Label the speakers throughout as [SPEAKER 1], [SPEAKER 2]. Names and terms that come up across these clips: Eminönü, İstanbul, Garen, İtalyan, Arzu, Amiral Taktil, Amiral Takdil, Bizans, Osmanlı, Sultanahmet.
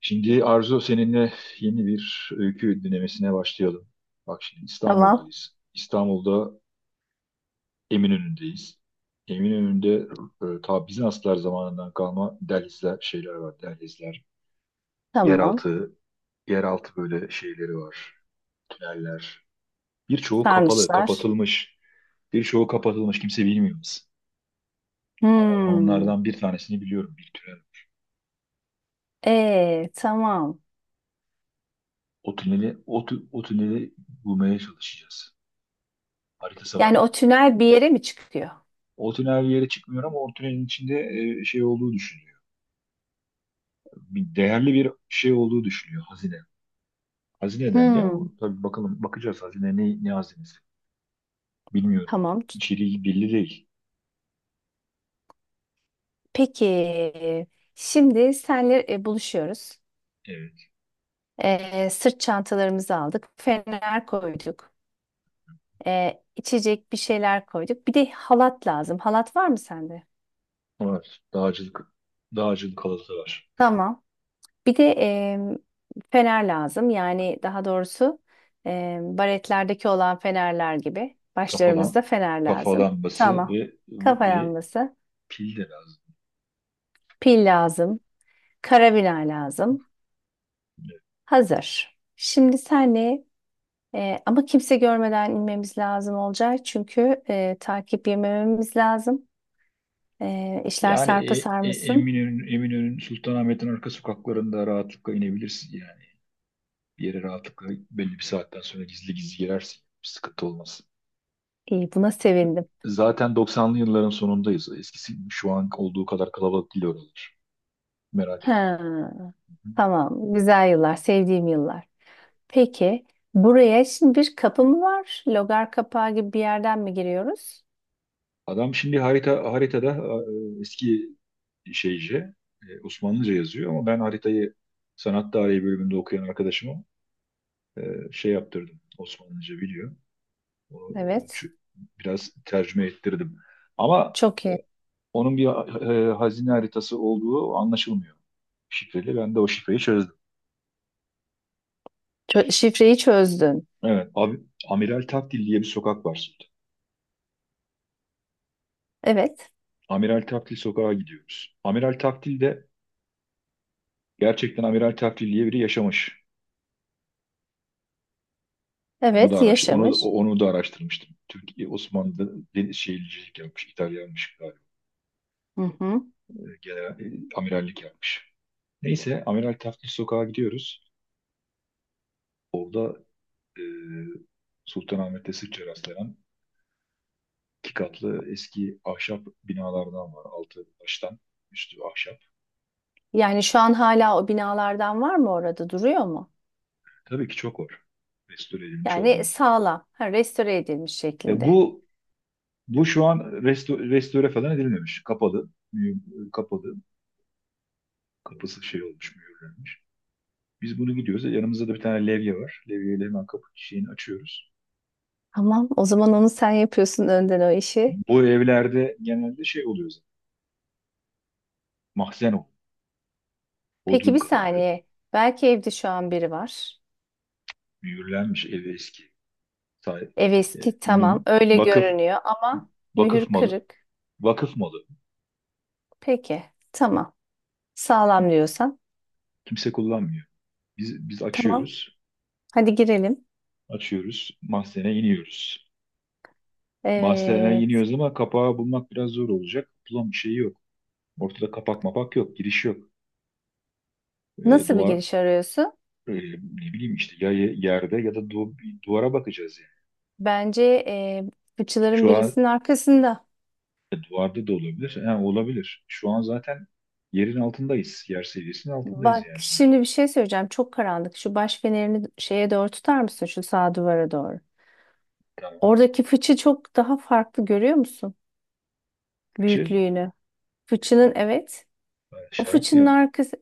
[SPEAKER 1] Şimdi Arzu seninle yeni bir öykü dinlemesine başlayalım. Bak şimdi
[SPEAKER 2] Tamam.
[SPEAKER 1] İstanbul'dayız. İstanbul'da Eminönü'ndeyiz. Eminönü'nde ta Bizanslar zamanından kalma dehlizler, şeyler var, dehlizler.
[SPEAKER 2] Tamam.
[SPEAKER 1] Yeraltı, yeraltı böyle şeyleri var, tüneller. Birçoğu kapalı,
[SPEAKER 2] Sarnıçlar.
[SPEAKER 1] kapatılmış. Birçoğu kapatılmış, kimse bilmiyor biz. Ama Ben
[SPEAKER 2] Hmm.
[SPEAKER 1] onlardan bir tanesini biliyorum, bir tünel.
[SPEAKER 2] Tamam.
[SPEAKER 1] O tüneli bulmaya çalışacağız. Haritası
[SPEAKER 2] Yani o
[SPEAKER 1] var.
[SPEAKER 2] tünel bir yere mi çıkıyor?
[SPEAKER 1] O tünel bir yere çıkmıyor ama o tünelin içinde şey olduğu düşünülüyor. Bir değerli bir şey olduğu düşünülüyor, hazine. Hazineden de ama
[SPEAKER 2] Hmm.
[SPEAKER 1] tabii bakalım, bakacağız hazine ne hazinesi bilmiyorum.
[SPEAKER 2] Tamam.
[SPEAKER 1] İçeriği belli değil.
[SPEAKER 2] Peki. Şimdi senle buluşuyoruz.
[SPEAKER 1] Evet.
[SPEAKER 2] Sırt çantalarımızı aldık. Fener koyduk. İçecek bir şeyler koyduk. Bir de halat lazım. Halat var mı sende?
[SPEAKER 1] Var. Dağcılık halatı var.
[SPEAKER 2] Tamam. Bir de fener lazım. Yani daha doğrusu baretlerdeki olan fenerler gibi.
[SPEAKER 1] Kafalan,
[SPEAKER 2] Başlarımızda fener lazım.
[SPEAKER 1] kafalanması
[SPEAKER 2] Tamam.
[SPEAKER 1] ve, ve,
[SPEAKER 2] Kafa
[SPEAKER 1] ve
[SPEAKER 2] lambası,
[SPEAKER 1] pil de lazım.
[SPEAKER 2] pil lazım, karabina lazım.
[SPEAKER 1] Evet.
[SPEAKER 2] Hazır. Şimdi senle ama kimse görmeden inmemiz lazım olacak. Çünkü takip yemememiz lazım. İşler
[SPEAKER 1] Yani
[SPEAKER 2] sarpa sarmasın.
[SPEAKER 1] Eminönü'nün Sultanahmet'in arka sokaklarında rahatlıkla inebilirsin yani. Bir yere rahatlıkla belli bir saatten sonra gizli gizli girersin. Bir sıkıntı olmaz.
[SPEAKER 2] İyi, buna sevindim.
[SPEAKER 1] Zaten 90'lı yılların sonundayız. Eskisi şu an olduğu kadar kalabalık değil oralar. Merak etme.
[SPEAKER 2] Ha, tamam. Güzel yıllar, sevdiğim yıllar. Peki buraya şimdi bir kapı mı var? Logar kapağı gibi bir yerden mi giriyoruz?
[SPEAKER 1] Adam şimdi haritada eski şeyce, Osmanlıca yazıyor, ama ben haritayı sanat tarihi bölümünde okuyan arkadaşıma e, şey yaptırdım. Osmanlıca biliyor. O,
[SPEAKER 2] Evet.
[SPEAKER 1] çü- Biraz tercüme ettirdim. Ama
[SPEAKER 2] Çok
[SPEAKER 1] e,
[SPEAKER 2] iyi.
[SPEAKER 1] onun bir hazine haritası olduğu anlaşılmıyor, şifreli. Ben de o şifreyi çözdüm.
[SPEAKER 2] Şifreyi çözdün.
[SPEAKER 1] Evet. Abi, Amiral Takdil diye bir sokak var.
[SPEAKER 2] Evet.
[SPEAKER 1] Amiral Taktil sokağa gidiyoruz. Amiral Taktil de gerçekten Amiral Taktil diye biri yaşamış. Onu da
[SPEAKER 2] Evet,
[SPEAKER 1] araştır, onu
[SPEAKER 2] yaşamış.
[SPEAKER 1] onu da araştırmıştım. Türkiye Osmanlı'da deniz şehircilik yapmış, İtalyanmış galiba.
[SPEAKER 2] Hı hı.
[SPEAKER 1] Genel amirallik yapmış. Neyse Amiral Taktil sokağa gidiyoruz. Orada e, Sultanahmet'te sıkça rastlanan iki katlı eski ahşap binalardan var. Altı taştan, üstü ahşap.
[SPEAKER 2] Yani şu an hala o binalardan var mı orada? Duruyor mu?
[SPEAKER 1] Tabii ki çok var. Restore edilmiş
[SPEAKER 2] Yani
[SPEAKER 1] olanı.
[SPEAKER 2] sağlam, ha, restore edilmiş
[SPEAKER 1] E,
[SPEAKER 2] şekilde.
[SPEAKER 1] bu Bu şu an restore falan edilmemiş. Kapalı. Kapalı. Kapısı şey olmuş, mühürlenmiş. Biz bunu gidiyoruz. Yanımızda da bir tane levye var. Levyeyle hemen kapı şeyini açıyoruz.
[SPEAKER 2] Tamam, o zaman onu sen yapıyorsun önden o işi.
[SPEAKER 1] Bu evlerde genelde şey oluyor zaten. Mahzen oluyor.
[SPEAKER 2] Peki
[SPEAKER 1] Bodrum
[SPEAKER 2] bir
[SPEAKER 1] katılıyor.
[SPEAKER 2] saniye. Belki evde şu an biri var.
[SPEAKER 1] Mühürlenmiş ev eski. Sahip.
[SPEAKER 2] Ev
[SPEAKER 1] E,
[SPEAKER 2] eski tamam
[SPEAKER 1] mü-
[SPEAKER 2] öyle
[SPEAKER 1] vakıf
[SPEAKER 2] görünüyor ama
[SPEAKER 1] Vakıf
[SPEAKER 2] mühür
[SPEAKER 1] malı.
[SPEAKER 2] kırık.
[SPEAKER 1] Vakıf malı.
[SPEAKER 2] Peki tamam. Sağlam
[SPEAKER 1] Kim-
[SPEAKER 2] diyorsan.
[SPEAKER 1] Kimse kullanmıyor. Biz
[SPEAKER 2] Tamam.
[SPEAKER 1] açıyoruz.
[SPEAKER 2] Hadi girelim.
[SPEAKER 1] Açıyoruz. Mahzene iniyoruz. Mahzene
[SPEAKER 2] Evet.
[SPEAKER 1] iniyoruz ama kapağı bulmak biraz zor olacak. Bulan bir şey yok. Ortada kapak mapak yok, giriş yok. E,
[SPEAKER 2] Nasıl bir
[SPEAKER 1] duvar
[SPEAKER 2] giriş arıyorsun?
[SPEAKER 1] Ne bileyim işte ya, yerde ya da bir duvara bakacağız yani.
[SPEAKER 2] Bence fıçıların
[SPEAKER 1] Şu an
[SPEAKER 2] birisinin arkasında.
[SPEAKER 1] duvarda da olabilir. Ha, olabilir. Şu an zaten yerin altındayız. Yer seviyesinin altındayız
[SPEAKER 2] Bak
[SPEAKER 1] yani sonuçta.
[SPEAKER 2] şimdi bir şey söyleyeceğim. Çok karanlık. Şu baş fenerini şeye doğru tutar mısın? Şu sağ duvara doğru.
[SPEAKER 1] Tamam.
[SPEAKER 2] Oradaki fıçı çok daha farklı görüyor musun?
[SPEAKER 1] Fıçı.
[SPEAKER 2] Büyüklüğünü. Fıçının evet. O
[SPEAKER 1] Şarap mı
[SPEAKER 2] fıçının
[SPEAKER 1] yap?
[SPEAKER 2] arkası.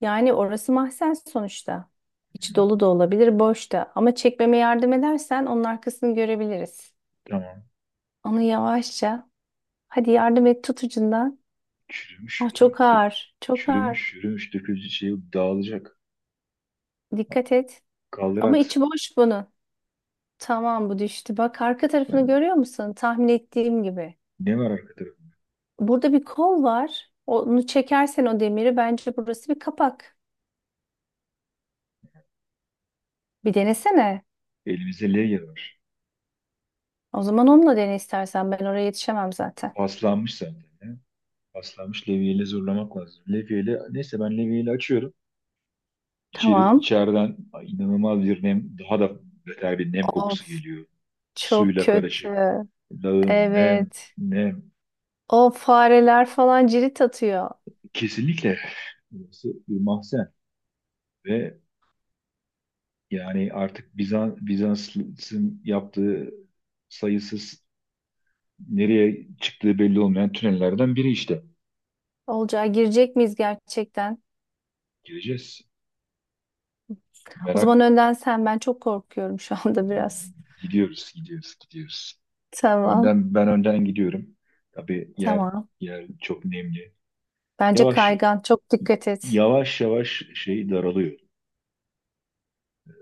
[SPEAKER 2] Yani orası mahzen sonuçta. İçi dolu da olabilir, boş da. Ama çekmeme yardım edersen onun arkasını görebiliriz.
[SPEAKER 1] Tamam.
[SPEAKER 2] Onu yavaşça. Hadi yardım et tut ucundan.
[SPEAKER 1] Çürümüş.
[SPEAKER 2] Ah, çok ağır. Çok ağır.
[SPEAKER 1] Çürümüş, çürümüş, dökülecek şey dağılacak.
[SPEAKER 2] Dikkat et.
[SPEAKER 1] Kaldır
[SPEAKER 2] Ama
[SPEAKER 1] at.
[SPEAKER 2] içi boş bunun. Tamam bu düştü. Bak arka tarafını
[SPEAKER 1] Yani
[SPEAKER 2] görüyor musun? Tahmin ettiğim gibi.
[SPEAKER 1] ne var arka tarafında?
[SPEAKER 2] Burada bir kol var. Onu çekersen o demiri bence burası bir kapak. Bir denesene.
[SPEAKER 1] Elimizde levye var.
[SPEAKER 2] O zaman onunla dene istersen. Ben oraya yetişemem zaten.
[SPEAKER 1] Paslanmış zaten, ya. Paslanmış, levyeyle zorlamak lazım. Levyeyle, neyse ben levyeyle açıyorum.
[SPEAKER 2] Tamam.
[SPEAKER 1] İçeriden inanılmaz bir nem, daha da beter bir nem kokusu
[SPEAKER 2] Of
[SPEAKER 1] geliyor.
[SPEAKER 2] çok
[SPEAKER 1] Suyla karışık.
[SPEAKER 2] kötü.
[SPEAKER 1] Lağım, nem,
[SPEAKER 2] Evet.
[SPEAKER 1] nem.
[SPEAKER 2] O fareler falan cirit atıyor.
[SPEAKER 1] Kesinlikle burası bir mahzen. Ve yani artık Bizans'ın yaptığı sayısız, nereye çıktığı belli olmayan tünellerden biri işte.
[SPEAKER 2] Olacağı girecek miyiz gerçekten?
[SPEAKER 1] Gireceğiz.
[SPEAKER 2] O zaman
[SPEAKER 1] Merak.
[SPEAKER 2] önden sen. Ben çok korkuyorum şu anda biraz.
[SPEAKER 1] Gidiyoruz.
[SPEAKER 2] Tamam.
[SPEAKER 1] Önden, ben önden gidiyorum. Tabii
[SPEAKER 2] Tamam.
[SPEAKER 1] yer çok nemli.
[SPEAKER 2] Bence
[SPEAKER 1] Yavaş,
[SPEAKER 2] kaygan. Çok dikkat et.
[SPEAKER 1] yavaş şey daralıyor.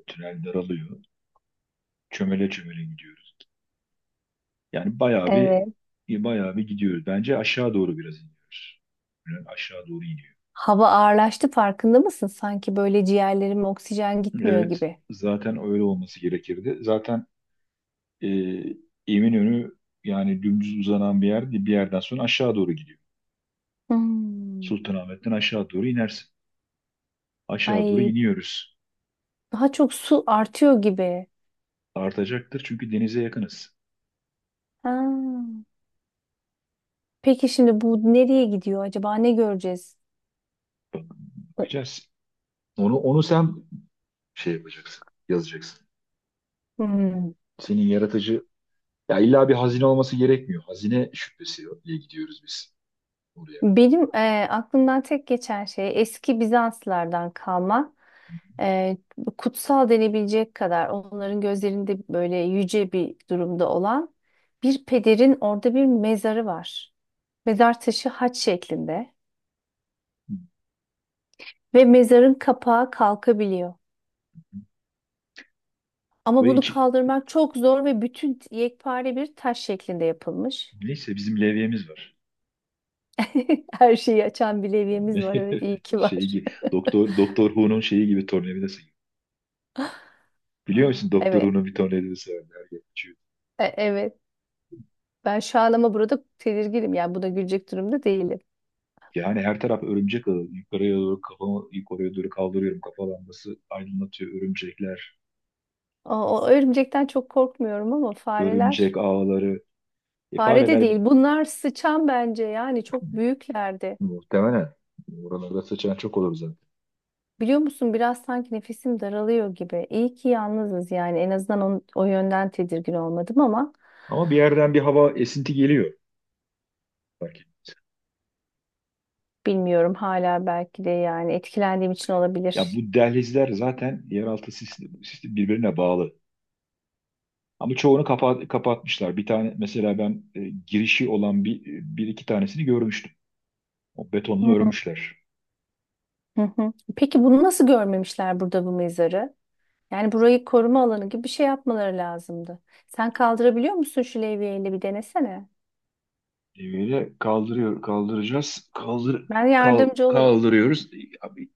[SPEAKER 1] Tünel daralıyor. Çömele çömele gidiyoruz. Yani
[SPEAKER 2] Evet.
[SPEAKER 1] bayağı bir gidiyoruz. Bence aşağı doğru biraz iniyoruz. Tünel aşağı doğru iniyor.
[SPEAKER 2] Hava ağırlaştı farkında mısın? Sanki böyle ciğerlerime oksijen gitmiyor
[SPEAKER 1] Evet,
[SPEAKER 2] gibi.
[SPEAKER 1] zaten öyle olması gerekirdi. Zaten e, Eminönü yani dümdüz uzanan bir yer değil, bir yerden sonra aşağı doğru gidiyor.
[SPEAKER 2] Hmm.
[SPEAKER 1] Sultanahmet'ten aşağı doğru inersin. Aşağı doğru
[SPEAKER 2] Ay
[SPEAKER 1] iniyoruz.
[SPEAKER 2] daha çok su artıyor gibi.
[SPEAKER 1] Artacaktır çünkü denize yakınız.
[SPEAKER 2] Ha. Peki şimdi bu nereye gidiyor acaba? Ne göreceğiz? O-
[SPEAKER 1] Bakacağız. Onu sen şey yapacaksın, yazacaksın.
[SPEAKER 2] Hmm.
[SPEAKER 1] Senin yaratıcı. Ya illa bir hazine olması gerekmiyor. Hazine şüphesiyle gidiyoruz biz oraya.
[SPEAKER 2] Benim aklımdan tek geçen şey eski Bizanslardan kalma e, kutsal denebilecek kadar onların gözlerinde böyle yüce bir durumda olan bir pederin orada bir mezarı var. Mezar taşı haç şeklinde. Ve mezarın kapağı kalkabiliyor. Ama
[SPEAKER 1] Ve
[SPEAKER 2] bunu
[SPEAKER 1] iki,
[SPEAKER 2] kaldırmak çok zor ve bütün yekpare bir taş şeklinde yapılmış.
[SPEAKER 1] neyse bizim levyemiz var.
[SPEAKER 2] Her şeyi açan bir levyemiz var. Evet, iyi ki
[SPEAKER 1] Şey
[SPEAKER 2] var.
[SPEAKER 1] gibi, Doktor Who'nun şeyi gibi, tornavidası gibi. Biliyor
[SPEAKER 2] Aa,
[SPEAKER 1] musun Doktor
[SPEAKER 2] evet,
[SPEAKER 1] Who'nun bir tornavidası var. Her yer uçuyor.
[SPEAKER 2] evet. Ben şu an ama burada tedirginim. Yani buna gülecek durumda değilim.
[SPEAKER 1] Yani her taraf örümcek ağı. Yukarıya doğru kafamı yukarıya doğru kaldırıyorum. Kafa lambası aydınlatıyor, örümcekler.
[SPEAKER 2] O, o örümcekten çok korkmuyorum ama
[SPEAKER 1] Örümcek
[SPEAKER 2] fareler.
[SPEAKER 1] ağları.
[SPEAKER 2] Fare de
[SPEAKER 1] Fareler
[SPEAKER 2] değil. Bunlar sıçan bence. Yani çok büyüklerdi.
[SPEAKER 1] muhtemelen. Oralarda sıçan çok olur zaten.
[SPEAKER 2] Biliyor musun biraz sanki nefesim daralıyor gibi. İyi ki yalnızız yani. En azından o yönden tedirgin olmadım ama
[SPEAKER 1] Ama bir yerden bir hava esinti geliyor. Fark.
[SPEAKER 2] bilmiyorum hala belki de yani etkilendiğim için
[SPEAKER 1] Ya
[SPEAKER 2] olabilir.
[SPEAKER 1] bu dehlizler zaten yeraltı sistemi birbirine bağlı. Ama çoğunu kapatmışlar. Bir tane mesela ben girişi olan bir iki tanesini görmüştüm. O betonla
[SPEAKER 2] Hı
[SPEAKER 1] örmüşler.
[SPEAKER 2] hı hı. Peki bunu nasıl görmemişler burada bu mezarı? Yani burayı koruma alanı gibi bir şey yapmaları lazımdı. Sen kaldırabiliyor musun şu levyeyle bir denesene.
[SPEAKER 1] Böyle kaldıracağız.
[SPEAKER 2] Ben yardımcı olurum.
[SPEAKER 1] Kaldırıyoruz. Abi,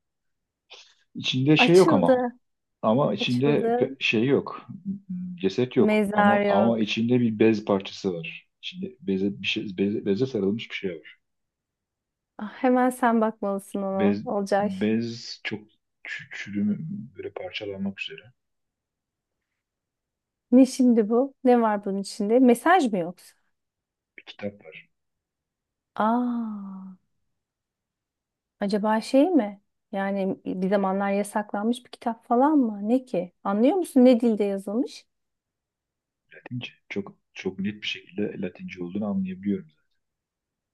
[SPEAKER 1] içinde şey yok ama.
[SPEAKER 2] Açıldı,
[SPEAKER 1] Ama içinde
[SPEAKER 2] açıldı.
[SPEAKER 1] şey yok. Hmm, ceset yok.
[SPEAKER 2] Mezar
[SPEAKER 1] Ama
[SPEAKER 2] yok.
[SPEAKER 1] ama içinde bir bez parçası var. İçinde beze sarılmış bir şey var.
[SPEAKER 2] Ah, hemen sen bakmalısın ona
[SPEAKER 1] Bez,
[SPEAKER 2] Olcay.
[SPEAKER 1] bez çok çürüme, böyle parçalanmak üzere
[SPEAKER 2] Ne şimdi bu? Ne var bunun içinde? Mesaj mı yoksa?
[SPEAKER 1] bir kitap var.
[SPEAKER 2] Aa, acaba şey mi? Yani bir zamanlar yasaklanmış bir kitap falan mı? Ne ki? Anlıyor musun ne dilde yazılmış?
[SPEAKER 1] Latince. Çok çok net bir şekilde Latince olduğunu anlayabiliyorum.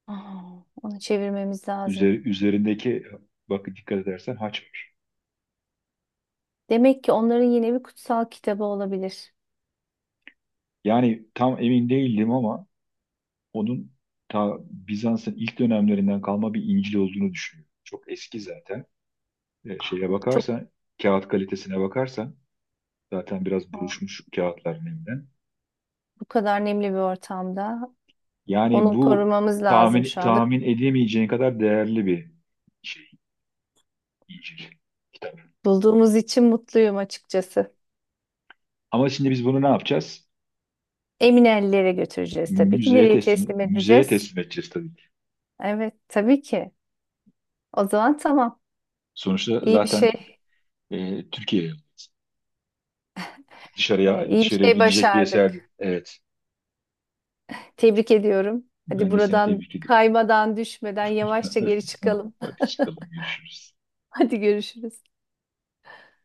[SPEAKER 2] Aa, onu çevirmemiz lazım.
[SPEAKER 1] Üzerindeki, bak dikkat edersen, haç var.
[SPEAKER 2] Demek ki onların yine bir kutsal kitabı olabilir.
[SPEAKER 1] Yani tam emin değildim ama onun ta Bizans'ın ilk dönemlerinden kalma bir İncil olduğunu düşünüyorum. Çok eski zaten. Şeye
[SPEAKER 2] Çok
[SPEAKER 1] bakarsan, kağıt kalitesine bakarsan zaten biraz
[SPEAKER 2] aa,
[SPEAKER 1] buruşmuş kağıtlar nemden.
[SPEAKER 2] bu kadar nemli bir ortamda
[SPEAKER 1] Yani
[SPEAKER 2] onu
[SPEAKER 1] bu
[SPEAKER 2] korumamız lazım şu anda.
[SPEAKER 1] tahmin edemeyeceğin kadar değerli bir şey. İncil, kitap.
[SPEAKER 2] Bulduğumuz için mutluyum açıkçası.
[SPEAKER 1] Ama şimdi biz bunu ne yapacağız?
[SPEAKER 2] Emin ellere götüreceğiz tabii ki. Nereye teslim
[SPEAKER 1] Müzeye
[SPEAKER 2] edeceğiz?
[SPEAKER 1] teslim edeceğiz tabii ki.
[SPEAKER 2] Evet, tabii ki. O zaman tamam.
[SPEAKER 1] Sonuçta
[SPEAKER 2] İyi bir
[SPEAKER 1] zaten
[SPEAKER 2] şey,
[SPEAKER 1] e, Türkiye'ye
[SPEAKER 2] iyi bir
[SPEAKER 1] dışarıya
[SPEAKER 2] şey
[SPEAKER 1] gidecek bir
[SPEAKER 2] başardık.
[SPEAKER 1] eserdi. Evet.
[SPEAKER 2] Tebrik ediyorum. Hadi
[SPEAKER 1] Ben de seni
[SPEAKER 2] buradan
[SPEAKER 1] tebrik ediyorum.
[SPEAKER 2] kaymadan, düşmeden yavaşça geri
[SPEAKER 1] Tamam,
[SPEAKER 2] çıkalım.
[SPEAKER 1] hadi çıkalım, görüşürüz.
[SPEAKER 2] Hadi görüşürüz.